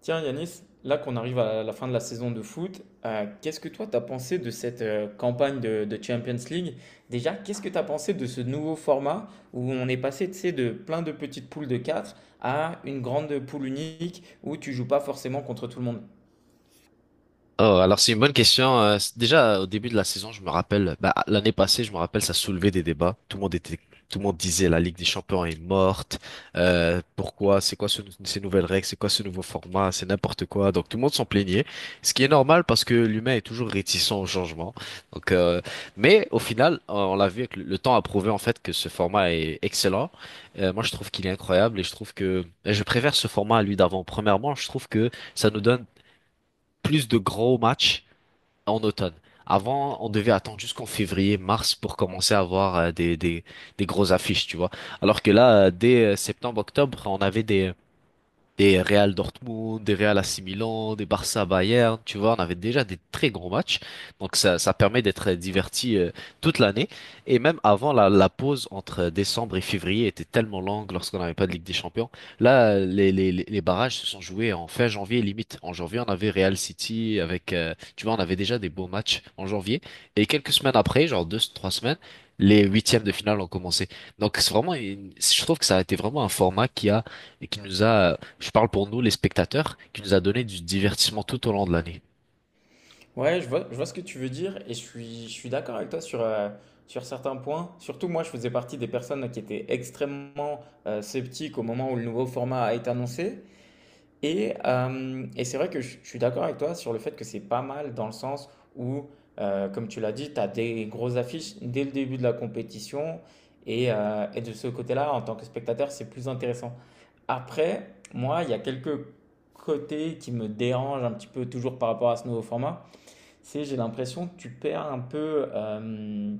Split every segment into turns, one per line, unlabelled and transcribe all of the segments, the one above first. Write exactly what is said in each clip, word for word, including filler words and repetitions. Tiens Yanis, là qu'on arrive à la fin de la saison de foot, euh, qu'est-ce que toi t'as pensé de cette euh, campagne de, de Champions League? Déjà, qu'est-ce que t'as pensé de ce nouveau format où on est passé, tu sais, de plein de petites poules de quatre à une grande poule unique où tu joues pas forcément contre tout le monde?
Oh, alors c'est une bonne question. Euh, c- déjà, euh, au début de la saison, je me rappelle, bah, l'année passée, je me rappelle, ça soulevait des débats. Tout le monde était, tout le monde disait la Ligue des Champions est morte. Euh, pourquoi? C'est quoi ce- ces nouvelles règles? C'est quoi ce nouveau format? C'est n'importe quoi. Donc tout le monde s'en plaignait, ce qui est normal parce que l'humain est toujours réticent au changement. Donc, euh, mais au final, euh, on l'a vu, avec le, le temps a prouvé en fait que ce format est excellent. Euh, moi, je trouve qu'il est incroyable et je trouve que je préfère ce format à lui d'avant. Premièrement, je trouve que ça nous donne plus de gros matchs en automne. Avant, on devait attendre jusqu'en février, mars pour commencer à avoir euh, des, des, des grosses affiches, tu vois. Alors que là, euh, dès euh, septembre, octobre, on avait des, des Real Dortmund, des Real A C Milan, des Barça Bayern, tu vois, on avait déjà des très gros matchs. Donc ça, ça permet d'être diverti, euh, toute l'année. Et même avant, la, la pause entre décembre et février était tellement longue lorsqu'on n'avait pas de Ligue des Champions. Là, les, les, les les barrages se sont joués en fin janvier limite. En janvier, on avait Real City avec, euh, tu vois, on avait déjà des beaux matchs en janvier. Et quelques semaines après, genre deux, trois semaines, les huitièmes de finale ont commencé. Donc c'est vraiment une- je trouve que ça a été vraiment un format qui a et qui nous a, je parle pour nous, les spectateurs, qui nous a donné du divertissement tout au long de l'année.
Ouais, je vois, je vois ce que tu veux dire et je suis, je suis d'accord avec toi sur, euh, sur certains points. Surtout moi, je faisais partie des personnes qui étaient extrêmement euh, sceptiques au moment où le nouveau format a été annoncé. Et, euh, et c'est vrai que je, je suis d'accord avec toi sur le fait que c'est pas mal dans le sens où, euh, comme tu l'as dit, tu as des grosses affiches dès le début de la compétition. Et, euh, et de ce côté-là, en tant que spectateur, c'est plus intéressant. Après, moi, il y a quelques côtés qui me dérangent un petit peu toujours par rapport à ce nouveau format. C'est j'ai l'impression que tu perds un peu euh,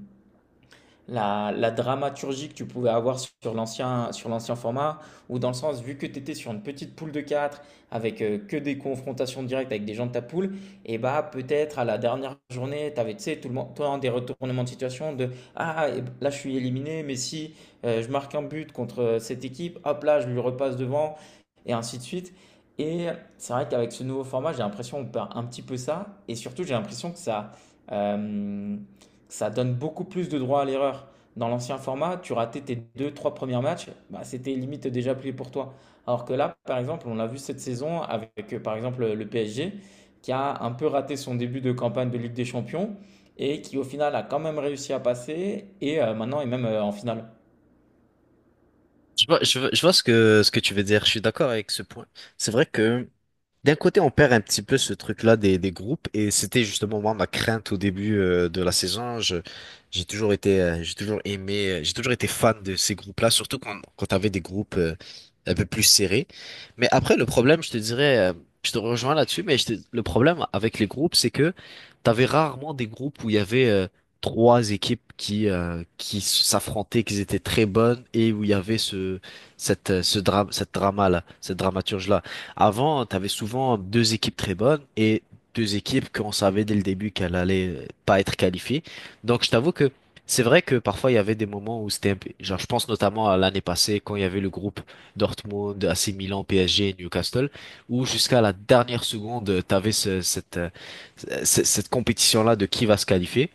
la, la dramaturgie que tu pouvais avoir sur l'ancien sur l'ancien format, ou dans le sens, vu que tu étais sur une petite poule de quatre avec euh, que des confrontations directes avec des gens de ta poule, et bah peut-être à la dernière journée, tu avais tu sais, tout le monde, toi, des retournements de situation de Ah, là je suis éliminé, mais si euh, je marque un but contre euh, cette équipe, hop là, je lui repasse devant, et ainsi de suite. Et c'est vrai qu'avec ce nouveau format, j'ai l'impression qu'on perd un petit peu ça, et surtout j'ai l'impression que ça. euh, ça donne beaucoup plus de droit à l'erreur. Dans l'ancien format, tu ratais tes deux, trois premiers matchs, bah, c'était limite déjà plié pour toi. Alors que là, par exemple, on l'a vu cette saison avec, euh, par exemple, le P S G, qui a un peu raté son début de campagne de Ligue des Champions et qui, au final, a quand même réussi à passer et euh, maintenant est même euh, en finale.
Je vois, je vois, je vois ce que, ce que tu veux dire. Je suis d'accord avec ce point. C'est vrai que d'un côté, on perd un petit peu ce truc-là des, des groupes, et c'était justement moi ma crainte au début, euh, de la saison. Je, j'ai toujours été, euh, j'ai toujours aimé, euh, J'ai toujours été fan de ces groupes-là, surtout quand, quand t'avais des groupes, euh, un peu plus serrés. Mais après, le problème, je te dirais, euh, je te rejoins là-dessus, mais je te- le problème avec les groupes, c'est que t'avais rarement des groupes où il y avait euh, trois équipes qui euh, qui s'affrontaient, qui étaient très bonnes, et où il y avait ce cette euh, ce drame, cette drama-là, cette dramaturge-là. Avant, tu avais souvent deux équipes très bonnes et deux équipes qu'on savait dès le début qu'elles allaient pas être qualifiées. Donc, je t'avoue que c'est vrai que parfois il y avait des moments où c'était un peu- genre je pense notamment à l'année passée quand il y avait le groupe Dortmund, A C Milan, P S G, Newcastle où jusqu'à la dernière seconde tu avais cette, euh, c- cette compétition-là de qui va se qualifier.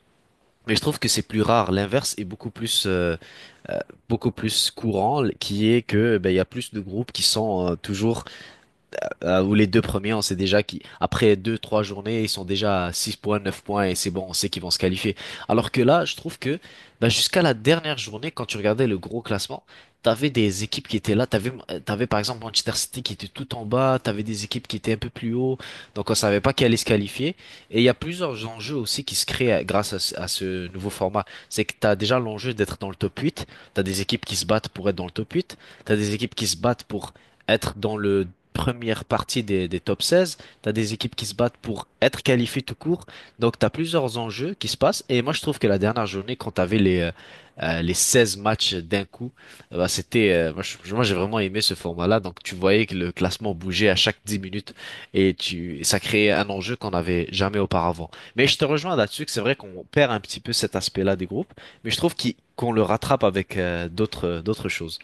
Mais je trouve que c'est plus rare, l'inverse est beaucoup plus, euh, euh, beaucoup plus courant, qui est que ben, il y a plus de groupes qui sont, euh, toujours, euh, ou les deux premiers, on sait déjà qu'après deux, trois journées, ils sont déjà à six points, neuf points, et c'est bon, on sait qu'ils vont se qualifier. Alors que là, je trouve que bah, jusqu'à la dernière journée, quand tu regardais le gros classement, t'avais des équipes qui étaient là, t'avais, euh, t'avais par exemple Manchester City qui était tout en bas, t'avais des équipes qui étaient un peu plus haut, donc on savait pas qui allait se qualifier. Et il y a plusieurs enjeux aussi qui se créent, euh, grâce à, ce à ce nouveau format. C'est que t'as déjà l'enjeu d'être dans le top huit. T'as des équipes qui se battent pour être dans le top huit. T'as des équipes qui se battent pour être dans le première partie des, des top seize. Tu as des équipes qui se battent pour être qualifiées tout court. Donc, tu as plusieurs enjeux qui se passent. Et moi, je trouve que la dernière journée, quand tu avais les, euh, euh, les seize matchs d'un coup, euh, bah, c'était, euh, moi, je- moi, j'ai vraiment aimé ce format-là. Donc, tu voyais que le classement bougeait à chaque dix minutes et tu, et ça créait un enjeu qu'on n'avait jamais auparavant. Mais je te rejoins là-dessus que c'est vrai qu'on perd un petit peu cet aspect-là des groupes, mais je trouve qu'il- qu'on le rattrape avec, euh, d'autres, d'autres choses.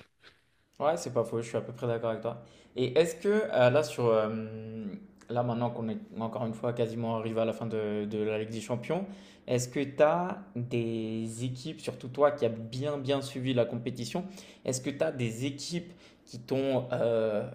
Ouais, c'est pas faux, je suis à peu près d'accord avec toi. Et est-ce que euh, là, sur, euh, là maintenant qu'on est encore une fois quasiment arrivé à la fin de, de la Ligue des Champions, est-ce que tu as des équipes, surtout toi qui as bien bien suivi la compétition, est-ce que tu as des équipes qui t'ont euh,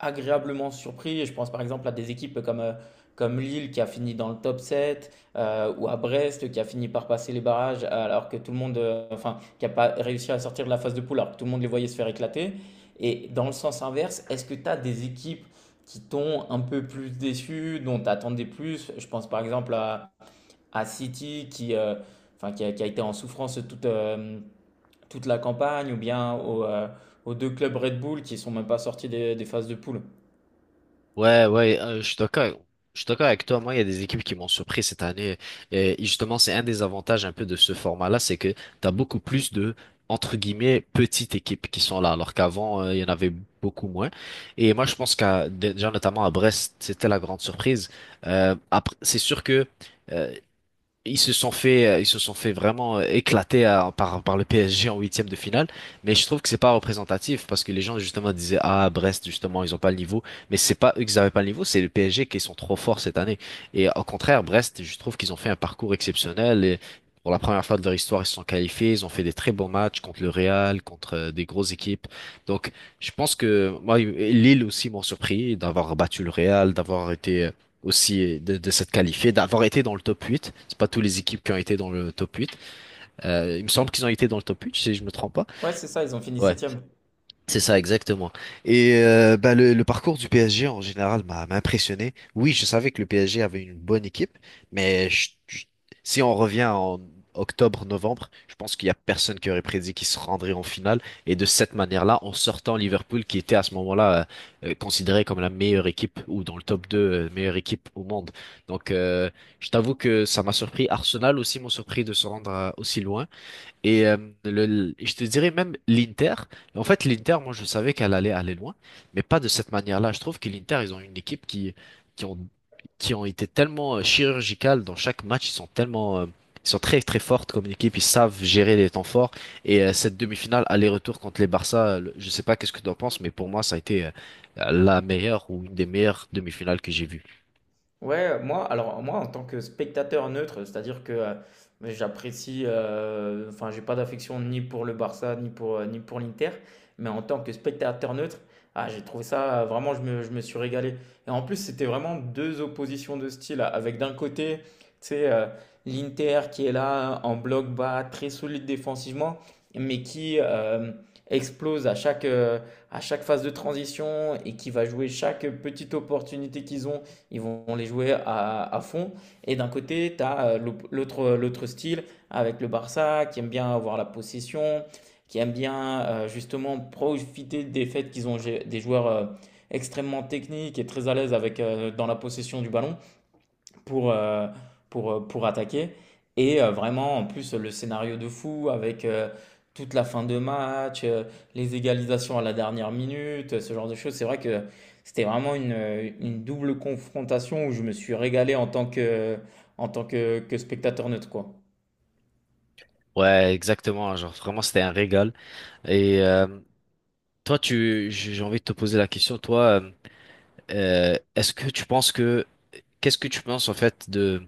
agréablement surpris. Je pense par exemple à des équipes comme, euh, comme Lille qui a fini dans le top sept euh, ou à Brest qui a fini par passer les barrages alors que tout le monde, euh, enfin, qui n'a pas réussi à sortir de la phase de poule alors que tout le monde les voyait se faire éclater. Et dans le sens inverse, est-ce que tu as des équipes qui t'ont un peu plus déçu, dont tu attendais plus? Je pense par exemple à, à City qui, euh, enfin, qui a, qui a été en souffrance toute, euh, toute la campagne ou bien aux, euh, aux deux clubs Red Bull qui ne sont même pas sortis des, des phases de poule.
Ouais, ouais, euh, je suis d'accord. Je suis d'accord avec toi. Moi, il y a des équipes qui m'ont surpris cette année. Et justement, c'est un des avantages un peu de ce format-là, c'est que t'as beaucoup plus de, entre guillemets, petites équipes qui sont là, alors qu'avant, euh, il y en avait beaucoup moins. Et moi, je pense qu'à, déjà, notamment à Brest, c'était la grande surprise. Euh, après, c'est sûr que, euh, ils se sont fait, euh, ils se sont fait vraiment, euh, éclater à- par, par le P S G en huitième de finale. Mais je trouve que c'est pas représentatif parce que les gens justement disaient, ah, Brest, justement, ils ont pas le niveau. Mais c'est pas eux qui avaient pas le niveau, c'est le P S G qui sont trop forts cette année. Et au contraire, Brest, je trouve qu'ils ont fait un parcours exceptionnel et pour la première fois de leur histoire, ils se sont qualifiés, ils ont fait des très bons matchs contre le Real, contre, euh, des grosses équipes. Donc, je pense que moi, Lille aussi m'ont surpris d'avoir battu le Real, d'avoir été aussi de, de s'être qualifié, d'avoir été dans le top huit. C'est pas toutes les équipes qui ont été dans le top huit. Euh, il me semble qu'ils ont été dans le top huit si je me trompe pas.
Ouais, c'est ça, ils ont fini
Ouais.
septième.
C'est ça, exactement. Et euh, bah, le, le parcours du P S G en général m'a m'a impressionné. Oui, je savais que le P S G avait une bonne équipe, mais je- je- si on revient en octobre, novembre, je pense qu'il y a personne qui aurait prédit qu'ils se rendraient en finale. Et de cette manière-là, en sortant Liverpool, qui était à ce moment-là, euh, euh, considéré comme la meilleure équipe ou dans le top deux, euh, meilleure équipe au monde. Donc, euh, je t'avoue que ça m'a surpris. Arsenal aussi m'ont surpris de se rendre, euh, aussi loin. Et euh, le, le- je te dirais même l'Inter. En fait, l'Inter, moi, je savais qu'elle allait aller loin, mais pas de cette manière-là. Je trouve que l'Inter, ils ont une équipe qui, qui ont, qui ont été tellement, euh, chirurgicales dans chaque match. Ils sont tellement, euh, ils sont très, très fortes comme équipe. Ils savent gérer les temps forts. Et euh, cette demi-finale aller-retour contre les Barça, euh, le- je sais pas qu'est-ce que tu en penses, mais pour moi, ça a été, euh, la meilleure ou une des meilleures demi-finales que j'ai vues.
Ouais, moi, alors moi, en tant que spectateur neutre, c'est-à-dire que euh, j'apprécie, euh, enfin, j'ai pas d'affection ni pour le Barça, ni pour, euh, ni pour l'Inter, mais en tant que spectateur neutre, ah, j'ai trouvé ça, euh, vraiment, je me, je me suis régalé. Et en plus, c'était vraiment deux oppositions de style, hein. Avec d'un côté, tu sais, euh, l'Inter qui est là, en bloc bas, très solide défensivement, mais qui euh, explose à chaque, euh, à chaque phase de transition et qui va jouer chaque petite opportunité qu'ils ont ils vont les jouer à, à fond. Et d'un côté, tu as l'autre l'autre style avec le Barça qui aime bien avoir la possession, qui aime bien euh, justement profiter des faits qu'ils ont des joueurs euh, extrêmement techniques et très à l'aise avec euh, dans la possession du ballon pour, euh, pour, euh, pour attaquer. Et euh, vraiment, en plus, le scénario de fou avec euh, toute la fin de match, euh, les égalisations à la dernière minute, ce genre de choses. C'est vrai que c'était vraiment une, une double confrontation où je me suis régalé en tant que, en tant que, que spectateur neutre, quoi.
Ouais, exactement. Genre, vraiment, c'était un régal. Et euh, toi, tu, j'ai j'ai envie de te poser la question, toi. Euh, Euh, est-ce que tu penses que Qu'est-ce que tu penses en fait de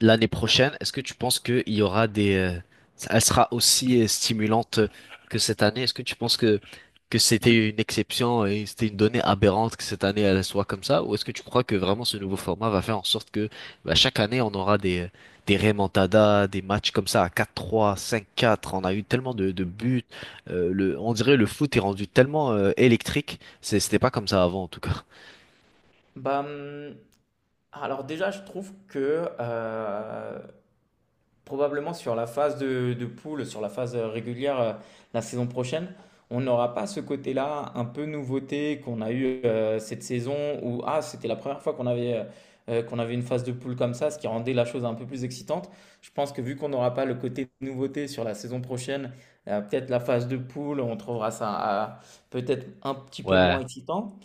l'année prochaine? Est-ce que tu penses qu'il y aura des euh, elle sera aussi, euh, stimulante que cette année? Est-ce que tu penses que que c'était une exception et c'était une donnée aberrante que cette année elle soit comme ça? Ou est-ce que tu crois que vraiment ce nouveau format va faire en sorte que bah, chaque année on aura des des remontadas, des matchs comme ça à quatre trois, cinq quatre? On a eu tellement de, de buts. Euh, le, on dirait le foot est rendu tellement, euh, électrique. C'est- c'était pas comme ça avant en tout cas.
Bah, hum, alors déjà, je trouve que euh, probablement sur la phase de, de poule, sur la phase euh, régulière euh, la saison prochaine, on n'aura pas ce côté-là un peu nouveauté qu'on a eu euh, cette saison où ah, c'était la première fois qu'on avait, euh, euh, qu'on avait une phase de poule comme ça, ce qui rendait la chose un peu plus excitante. Je pense que vu qu'on n'aura pas le côté nouveauté sur la saison prochaine, euh, peut-être la phase de poule, on trouvera ça euh, peut-être un petit peu moins
Ouais.
excitant.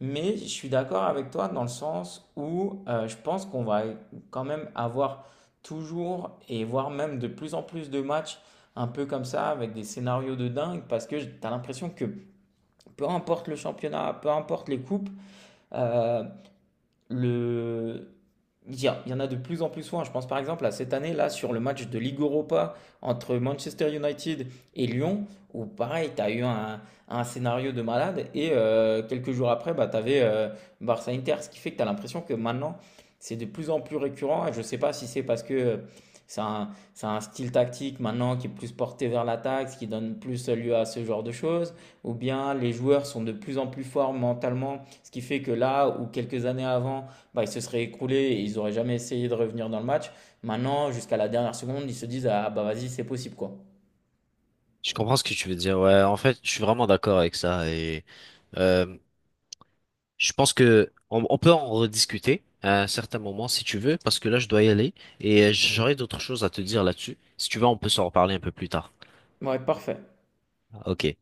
Mais je suis d'accord avec toi dans le sens où euh, je pense qu'on va quand même avoir toujours et voire même de plus en plus de matchs un peu comme ça avec des scénarios de dingue parce que tu as l'impression que peu importe le championnat, peu importe les coupes, euh, le... Il y a- il y en a de plus en plus souvent. Je pense par exemple à cette année là sur le match de Ligue Europa entre Manchester United et Lyon, où pareil, tu as eu un, un scénario de malade et euh, quelques jours après, bah, tu avais Barça-Inter, ce qui fait que tu as l'impression que maintenant c'est de plus en plus récurrent. Et je ne sais pas si c'est parce que euh, c'est un, c'est un style tactique maintenant qui est plus porté vers l'attaque, ce qui donne plus lieu à ce genre de choses ou bien les joueurs sont de plus en plus forts mentalement, ce qui fait que là, ou quelques années avant, bah, ils se seraient écroulés et ils n'auraient jamais essayé de revenir dans le match. Maintenant, jusqu'à la dernière seconde, ils se disent Ah bah vas-y, c'est possible quoi.
Je comprends ce que tu veux dire. Ouais, en fait, je suis vraiment d'accord avec ça. Et euh, je pense que on, on peut en rediscuter à un certain moment si tu veux, parce que là, je dois y aller et, euh, j'aurai d'autres choses à te dire là-dessus. Si tu veux, on peut s'en reparler un peu plus tard.
Ouais, parfait.
Ok.